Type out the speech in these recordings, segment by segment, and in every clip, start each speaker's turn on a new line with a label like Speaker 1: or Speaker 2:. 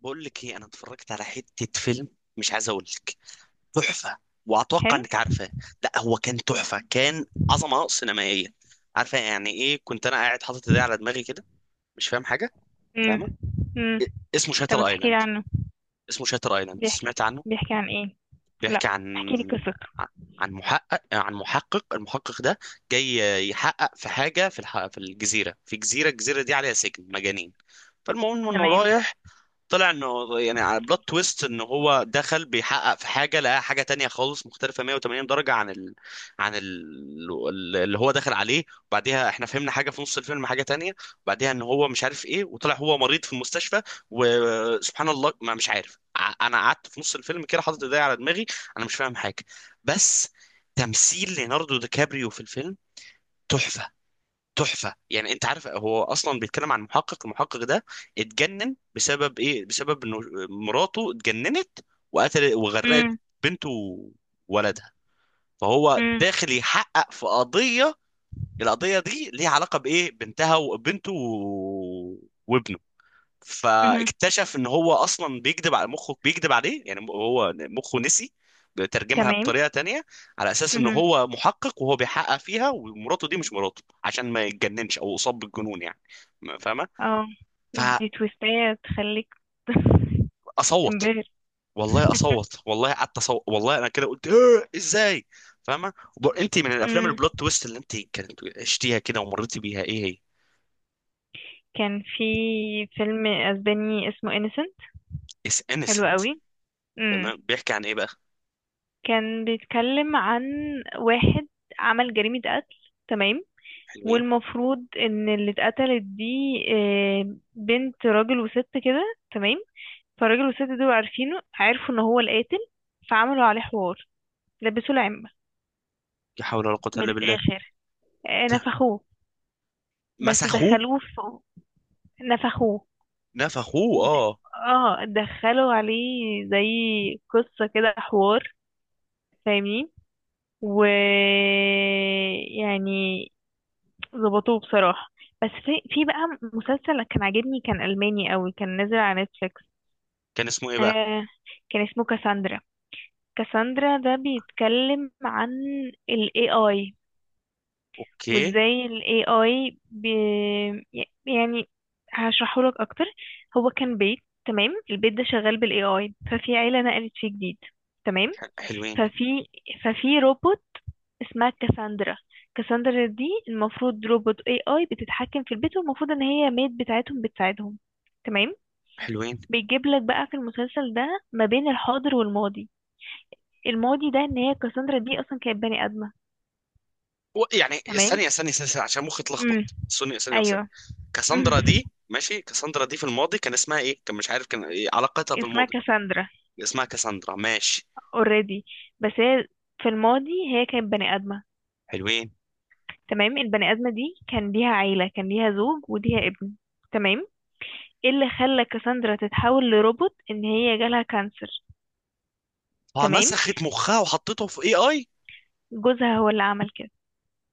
Speaker 1: بقول لك ايه، انا اتفرجت على حتة فيلم. مش عايز اقول لك. تحفة، واتوقع
Speaker 2: حلو.
Speaker 1: انك عارفاه. لا هو كان تحفة، كان عظمة سينمائية. عارفة يعني ايه، كنت انا قاعد حاطط ايدي على دماغي كده مش فاهم حاجة.
Speaker 2: امم.
Speaker 1: فاهمة؟
Speaker 2: امم.
Speaker 1: إيه- اسمه
Speaker 2: طب ما
Speaker 1: شاتر
Speaker 2: تحكي لي
Speaker 1: ايلاند.
Speaker 2: عنه؟
Speaker 1: اسمه شاتر ايلاند،
Speaker 2: بيحكي
Speaker 1: سمعت عنه؟
Speaker 2: بيحكي عن ايه؟
Speaker 1: بيحكي
Speaker 2: لا،
Speaker 1: عن
Speaker 2: احكي لي قصته.
Speaker 1: محقق. المحقق ده جاي يحقق في حاجة في الجزيرة، في جزيرة الجزيرة دي عليها سجن مجانين. فالمهم انه
Speaker 2: تمام.
Speaker 1: رايح. طلع انه يعني على بلوت تويست، ان هو دخل بيحقق في حاجه لقى حاجه تانية خالص مختلفه 180 درجه اللي هو دخل عليه. وبعديها احنا فهمنا حاجه في نص الفيلم حاجه تانية، وبعديها ان هو مش عارف ايه، وطلع هو مريض في المستشفى. وسبحان الله، ما مش عارف ع- انا قعدت في نص الفيلم كده حاطط ايدي على دماغي، انا مش فاهم حاجه. بس تمثيل ليوناردو دي كابريو في الفيلم تحفه. تحفه، يعني انت عارف هو اصلا بيتكلم عن المحقق ده اتجنن بسبب ايه؟ بسبب انه مراته اتجننت، وقتل وغرقت
Speaker 2: امم.
Speaker 1: بنته وولدها. فهو
Speaker 2: امم.
Speaker 1: داخل يحقق في قضيه، القضيه دي ليها علاقه بايه؟ بنتها وبنته وابنه.
Speaker 2: امم.
Speaker 1: فاكتشف ان هو اصلا بيكذب على مخه، بيكذب عليه، يعني هو مخه نسي، بيترجمها
Speaker 2: تمام.
Speaker 1: بطريقه تانية على اساس ان
Speaker 2: امم.
Speaker 1: هو محقق وهو بيحقق فيها، ومراته دي مش مراته، عشان ما يتجننش او يصاب بالجنون يعني. فاهمه؟
Speaker 2: اه، دي تويستاية تخليك
Speaker 1: فاصوت.
Speaker 2: تنبهر.
Speaker 1: والله اصوت، والله قعدت اصوت. والله انا كده قلت: "إيه، ازاي؟" فاهمه؟ انت من الافلام
Speaker 2: امم.
Speaker 1: البلوت تويست اللي انت كانت عشتيها كده ومريتي بيها ايه هي؟
Speaker 2: كان في فيلم اسباني اسمه انيسنت.
Speaker 1: اس
Speaker 2: حلو
Speaker 1: انسنت؟
Speaker 2: قوي. امم.
Speaker 1: تمام، بيحكي عن ايه بقى؟
Speaker 2: كان بيتكلم عن واحد عمل جريمة قتل. تمام.
Speaker 1: حلوين.
Speaker 2: والمفروض ان اللي اتقتلت دي بنت راجل وست كده. تمام. فالراجل والست دول عارفينه، عرفوا ان هو القاتل، فعملوا عليه حوار، لبسوه العمة.
Speaker 1: لا حول ولا قوه
Speaker 2: من
Speaker 1: الا بالله.
Speaker 2: الاخر، نفخوه. بس
Speaker 1: مسخوه.
Speaker 2: دخلوه في، نفخوه.
Speaker 1: نفخوه، اه.
Speaker 2: اه، دخلوا عليه زي قصة كده حوار، فاهمين. و، يعني، ظبطوه بصراحة. بس في بقى مسلسل كان عاجبني، كان ألماني قوي، كان نازل على نتفليكس.
Speaker 1: كان اسمه ايه بقى؟
Speaker 2: آه، كان اسمه كاساندرا. كاساندرا ده بيتكلم عن ال AI
Speaker 1: اوكي.
Speaker 2: وازاي ال AI يعني هشرحهولك اكتر. هو كان بيت، تمام، البيت ده شغال بال AI. ففي عيلة نقلت فيه جديد. تمام.
Speaker 1: حلوين.
Speaker 2: ففي ففي روبوت اسمها كاساندرا. كاساندرا دي المفروض روبوت AI بتتحكم في البيت، والمفروض ان هي ميد بتاعتهم بتساعدهم. تمام.
Speaker 1: حلوين.
Speaker 2: بيجيب لك بقى في المسلسل ده ما بين الحاضر والماضي. الماضي ده ان هي كاساندرا دي اصلا كانت بني ادمه.
Speaker 1: يعني ثانيه
Speaker 2: تمام.
Speaker 1: ثانيه ثانيه ثانية، عشان مخي
Speaker 2: امم.
Speaker 1: اتلخبط. ثانيه ثانيه وثانيه.
Speaker 2: ايوه.
Speaker 1: كاساندرا دي ماشي، كاساندرا دي في الماضي كان اسمها ايه؟ كان مش عارف كان إيه علاقتها في
Speaker 2: اسمها
Speaker 1: الماضي.
Speaker 2: كاساندرا.
Speaker 1: اسمها كاساندرا، ماشي.
Speaker 2: اوريدي. بس هي في الماضي هي كانت بني آدمة.
Speaker 1: حلوين.
Speaker 2: تمام. البني آدمة دي كان ليها عيلة، كان ليها زوج وليها ابن. تمام. ايه اللي خلى كاساندرا تتحول لروبوت؟ ان هي جالها كانسر. تمام.
Speaker 1: فنسخت مخها وحطته في اي اي.
Speaker 2: جوزها هو اللي عمل كده.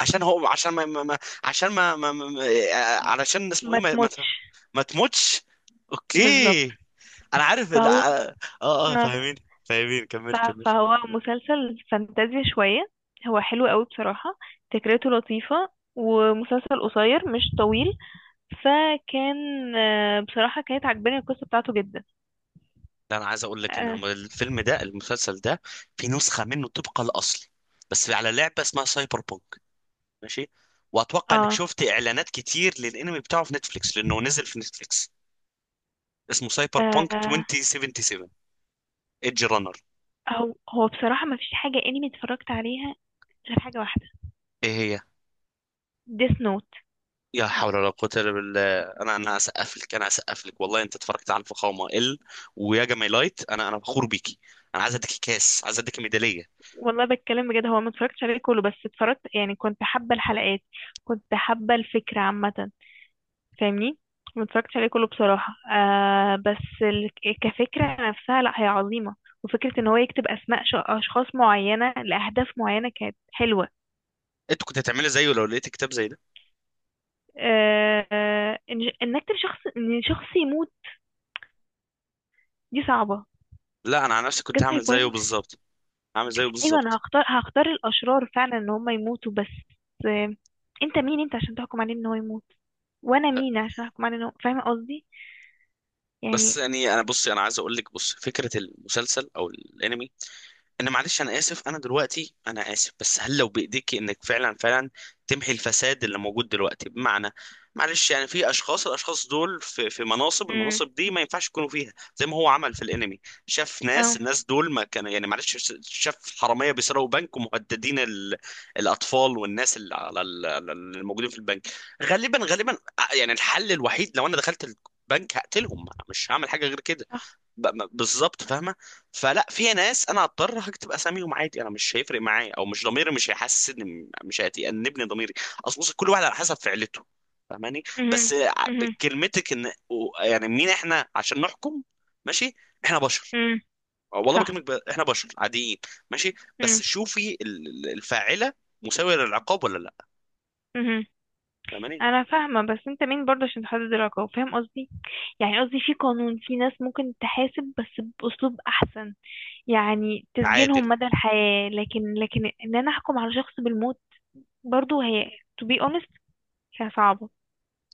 Speaker 1: عشان هو، عشان ما, ما ما- عشان ما, ما, ما ما- آه، علشان اسمه ايه
Speaker 2: ما
Speaker 1: ما, ما,
Speaker 2: تموتش.
Speaker 1: ما تموتش.
Speaker 2: بالظبط.
Speaker 1: اوكي. انا عارف ال-
Speaker 2: فهو،
Speaker 1: اه اه آه،
Speaker 2: اه،
Speaker 1: فاهمين. فاهمين، كمل كمل.
Speaker 2: فهو مسلسل فانتازيا شوية. هو حلو قوي بصراحة، فكرته لطيفة، ومسلسل قصير مش طويل. فكان، بصراحة كانت عجباني القصة بتاعته جدا.
Speaker 1: ده انا عايز اقول لك
Speaker 2: آه.
Speaker 1: ان الفيلم ده، المسلسل ده، في نسخه منه طبق الاصل، بس على لعبه اسمها سايبر بونك، ماشي. واتوقع انك
Speaker 2: آه.
Speaker 1: شفت اعلانات كتير للانمي بتاعه في نتفليكس، لانه نزل في نتفليكس. اسمه سايبر بونك
Speaker 2: آه،
Speaker 1: 2077 ايدج رانر.
Speaker 2: هو بصراحة ما فيش حاجة انمي اتفرجت عليها غير حاجة واحدة،
Speaker 1: ايه هي؟
Speaker 2: ديس نوت.
Speaker 1: يا حول ولا قوه الا بالله. انا هسقف لك. هسقف لك والله، انت اتفرجت على الفخامه. ال ويا جميلايت، انا فخور بيكي. انا عايز اديكي كاس، عايز اديكي ميداليه.
Speaker 2: والله بتكلم بجد، هو ما اتفرجتش عليه كله بس اتفرجت، يعني كنت حابة الحلقات، كنت حابة الفكرة عامة، فاهمني. ما اتفرجتش عليه كله بصراحة، آه، كفكرة نفسها، لا هي عظيمة. وفكرة ان هو يكتب اسماء اشخاص معينة لاهداف معينة كانت حلوة.
Speaker 1: انت كنت هتعملي زيه لو لقيت كتاب زي ده؟
Speaker 2: آه. آه، إن نكتب شخص، ان شخص يموت، دي صعبة.
Speaker 1: لا انا على نفسي كنت
Speaker 2: جت my
Speaker 1: هعمل زيه
Speaker 2: point.
Speaker 1: بالظبط. هعمل زيه
Speaker 2: ايوه، انا
Speaker 1: بالظبط.
Speaker 2: هختار، الاشرار فعلا ان هم يموتوا. بس آه، انت مين انت عشان تحكم عليه ان هو يموت؟ وانا مين عشان احكم عليه ان هو، فاهمه قصدي؟
Speaker 1: بس
Speaker 2: يعني.
Speaker 1: يعني انا، بصي، انا عايز اقول لك، بص، فكره المسلسل او الانمي. انا معلش، انا اسف، انا دلوقتي انا اسف، بس هل لو بايديك انك فعلا تمحي الفساد اللي موجود دلوقتي؟ بمعنى، معلش، يعني في اشخاص، الاشخاص دول في مناصب،
Speaker 2: امم.
Speaker 1: المناصب دي ما ينفعش يكونوا فيها، زي ما هو عمل في الانمي. شاف
Speaker 2: اه.
Speaker 1: ناس، الناس دول ما كانوا، يعني معلش، شاف حرامية بيسرقوا بنك ومهددين الاطفال والناس اللي الموجودين في البنك. غالبا. يعني الحل الوحيد لو انا دخلت البنك هقتلهم، انا مش هعمل حاجة غير كده.
Speaker 2: صح.
Speaker 1: بالظبط، فاهمه؟ فلا، في ناس انا هضطر هكتب اساميهم عادي، انا مش هيفرق معايا، او مش ضميري، مش هيحسسني، مش هيأنبني ضميري. اصل بص، كل واحد على حسب فعلته. فاهماني؟ بس
Speaker 2: امم. امم.
Speaker 1: بكلمتك ان، يعني مين احنا عشان نحكم؟ ماشي، احنا بشر.
Speaker 2: امم.
Speaker 1: والله
Speaker 2: صح.
Speaker 1: بكلمك احنا بشر عاديين. ماشي،
Speaker 2: امم.
Speaker 1: بس شوفي الفاعله مساويه للعقاب ولا لا؟
Speaker 2: امم.
Speaker 1: فاهماني؟
Speaker 2: انا فاهمه، بس انت مين برضه عشان تحدد العقاب؟ فاهم قصدي؟ يعني قصدي في قانون، في ناس ممكن تحاسب بس باسلوب احسن. يعني تسجنهم
Speaker 1: عادل.
Speaker 2: مدى الحياه، لكن ان انا احكم على شخص بالموت، برضه هي، to be honest، هي صعبه.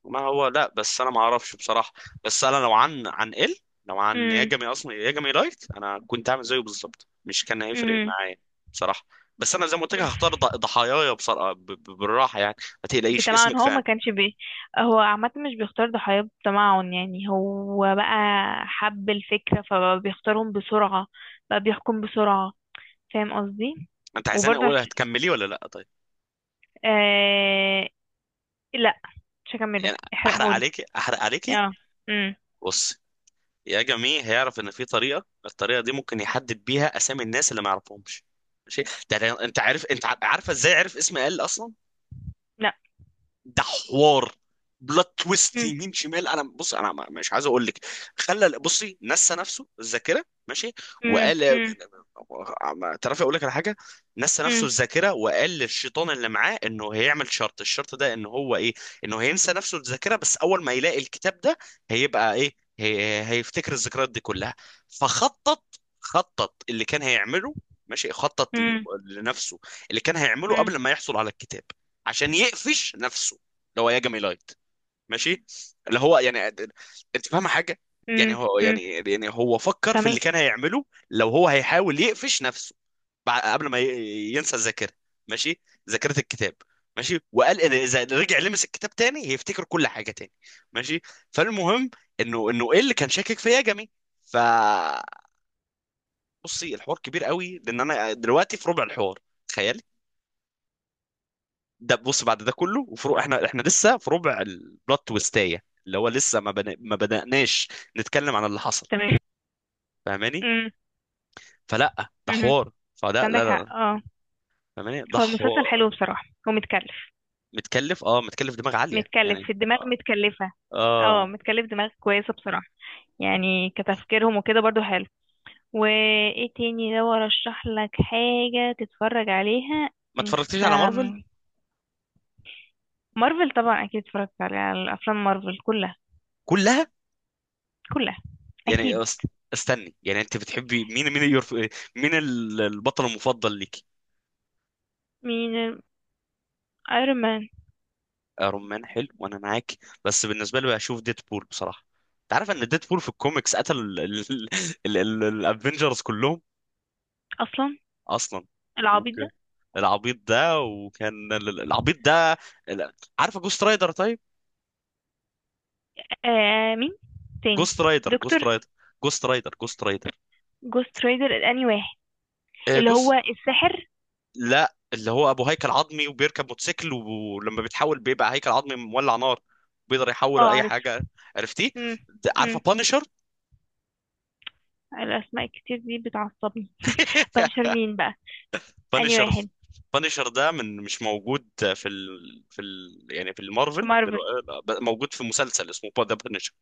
Speaker 1: ما هو، لا، بس انا ما اعرفش بصراحه. بس انا لو عن عن ال لو عن ياجامي، اصلا ياجامي لايت انا كنت عامل زيه بالظبط، مش كان هيفرق
Speaker 2: امم.
Speaker 1: معايا بصراحه. بس انا زي ما قلت لك، هختار ضحاياي بصراحه بالراحه يعني. ما تقلقيش
Speaker 2: بتمعن
Speaker 1: اسمك،
Speaker 2: هو ما
Speaker 1: فاهم؟
Speaker 2: كانش هو عامة مش بيختار ضحايا بتمعن، يعني هو بقى حب الفكرة فبيختارهم بسرعة، بقى بيحكم بسرعة، فاهم قصدي؟
Speaker 1: انت عايزاني
Speaker 2: وبرضه
Speaker 1: اقول هتكملي ولا لا؟ طيب.
Speaker 2: آه... لا، مش هكمله،
Speaker 1: يعني احرق
Speaker 2: احرقهولي.
Speaker 1: عليكي، احرق عليكي.
Speaker 2: اه. امم.
Speaker 1: بص، ياجامي هيعرف ان في طريقه، الطريقه دي ممكن يحدد بيها اسامي الناس اللي ما يعرفهمش. ماشي، انت عارف، انت عارفه ازاي عرف اسم ال اصلا؟
Speaker 2: لا.
Speaker 1: ده حوار، بلوت تويست
Speaker 2: امم.
Speaker 1: يمين شمال. انا بص، انا ما- مش عايز اقول لك. خلى، بصي، نسى نفسه الذاكره. ماشي،
Speaker 2: امم.
Speaker 1: وقال،
Speaker 2: امم.
Speaker 1: ما تعرف اقول لك على حاجه. نسى نفسه
Speaker 2: امم.
Speaker 1: الذاكره وقال للشيطان اللي معاه انه هيعمل شرط. الشرط ده ان هو ايه؟ انه هينسى نفسه الذاكره، بس اول ما يلاقي الكتاب ده هيبقى ايه؟ هيفتكر الذكريات دي كلها. فخطط، خطط اللي كان هيعمله. ماشي، خطط
Speaker 2: امم.
Speaker 1: لنفسه اللي كان هيعمله
Speaker 2: امم.
Speaker 1: قبل ما يحصل على الكتاب، عشان يقفش نفسه، اللي هو ياجامي لايت. ماشي، اللي هو يعني، انت فاهمه حاجه؟ يعني
Speaker 2: امم.
Speaker 1: هو،
Speaker 2: امم.
Speaker 1: يعني هو فكر في اللي
Speaker 2: فاهمك.
Speaker 1: كان هيعمله لو هو هيحاول يقفش نفسه بعد، قبل ما ينسى الذاكره. ماشي، ذاكره الكتاب. ماشي، وقال ان اذا رجع لمس الكتاب تاني هيفتكر كل حاجه تاني. ماشي، فالمهم انه ايه اللي كان شاكك في ياجامي؟ ف، بصي الحوار كبير قوي لان انا دلوقتي في ربع الحوار، تخيل. ده بص، بعد ده كله وفروع، احنا لسه في ربع البلوت تويستايه، اللي هو لسه ما بدأناش نتكلم عن اللي حصل.
Speaker 2: تمام.
Speaker 1: فاهماني؟
Speaker 2: امم.
Speaker 1: فلا ده
Speaker 2: امم.
Speaker 1: حوار. فلا،
Speaker 2: عندك
Speaker 1: لا لا لا.
Speaker 2: حق، اه.
Speaker 1: فاهماني؟ ده
Speaker 2: هو المسلسل
Speaker 1: حوار.
Speaker 2: حلو بصراحة ومتكلف.
Speaker 1: متكلف، اه، متكلف دماغ عالية
Speaker 2: متكلف
Speaker 1: يعني.
Speaker 2: في الدماغ،
Speaker 1: اه،
Speaker 2: متكلفة. اه،
Speaker 1: آه.
Speaker 2: متكلف دماغ كويسة بصراحة. يعني كتفكيرهم وكده برضو حلو. وايه تاني لو ارشح لك حاجة تتفرج عليها؟
Speaker 1: ما اتفرجتيش
Speaker 2: انت
Speaker 1: على مارفل
Speaker 2: م- مارفل طبعا اكيد اتفرجت على الافلام مارفل كلها.
Speaker 1: كلها؟
Speaker 2: كلها.
Speaker 1: يعني
Speaker 2: اكيد.
Speaker 1: استني، يعني انت بتحبي مين؟ مين البطل المفضل ليك؟
Speaker 2: مين؟ ايرون مان.
Speaker 1: ايرون مان، حلو وانا معاك. بس بالنسبه لي بشوف ديدبول بصراحه. انت عارف ان ديدبول في الكوميكس قتل الافنجرز كلهم
Speaker 2: اصلا.
Speaker 1: اصلا؟
Speaker 2: العبيط ده.
Speaker 1: اوكي. العبيط ده، وكان العبيط ده ال- عارفه جوست رايدر طيب؟
Speaker 2: آه، مين تاني؟
Speaker 1: جوست رايدر،
Speaker 2: دكتور.
Speaker 1: جوست رايدر، جوست رايدر، جوست رايدر.
Speaker 2: جوست رايدر الاني واحد،
Speaker 1: آه،
Speaker 2: اللي هو
Speaker 1: جوست
Speaker 2: الساحر.
Speaker 1: لا اللي هو ابو هيكل عظمي وبيركب موتوسيكل، ولما بيتحول بيبقى هيكل عظمي مولع نار، بيقدر يحول
Speaker 2: اه،
Speaker 1: اي
Speaker 2: عرفته.
Speaker 1: حاجه. عرفتيه؟
Speaker 2: امم.
Speaker 1: عارفه
Speaker 2: امم،
Speaker 1: بانشر؟
Speaker 2: الاسماء الكتير دي بتعصبني. بنشر مين بقى؟ أنهي
Speaker 1: بانشر.
Speaker 2: واحد؟
Speaker 1: بانشر ده من مش موجود في ال... يعني في
Speaker 2: في
Speaker 1: المارفل
Speaker 2: مارفل.
Speaker 1: دلوقتي، موجود في مسلسل اسمه ذا بانشر.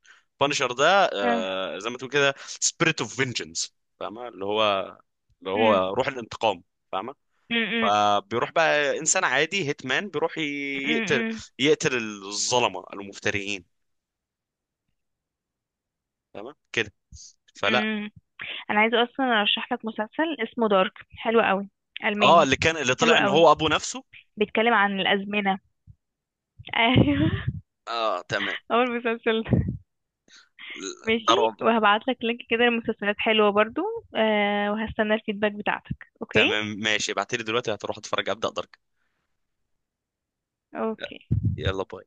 Speaker 1: بانشر ده
Speaker 2: آه.
Speaker 1: آه، زي ما تقول كده سبيريت اوف فينجنس، فاهمه؟ اللي هو، اللي
Speaker 2: مم.
Speaker 1: هو روح الانتقام. فاهمه؟
Speaker 2: مم. مم.
Speaker 1: فبيروح بقى، انسان عادي هيتمان بيروح يقتل،
Speaker 2: مم.
Speaker 1: يقتل الظلمه المفتريين. تمام كده؟ فلا.
Speaker 2: مم. أنا عايزة أصلا أرشح لك مسلسل اسمه دارك، حلو قوي،
Speaker 1: اه،
Speaker 2: ألماني.
Speaker 1: اللي كان اللي
Speaker 2: حلو
Speaker 1: طلع ان
Speaker 2: قوي.
Speaker 1: هو ابو نفسه.
Speaker 2: بيتكلم عن الأزمنة. أيوه.
Speaker 1: اه تمام.
Speaker 2: أول مسلسل ده. ماشي.
Speaker 1: ضرب.
Speaker 2: وهبعت لك لينك كده لمسلسلات حلوة برضو. أه، وهستنى الفيدباك بتاعتك. أوكي.
Speaker 1: تمام، ماشي، ابعتلي دلوقتي، هتروح اتفرج ابدا درك.
Speaker 2: أوكي.
Speaker 1: يلا باي.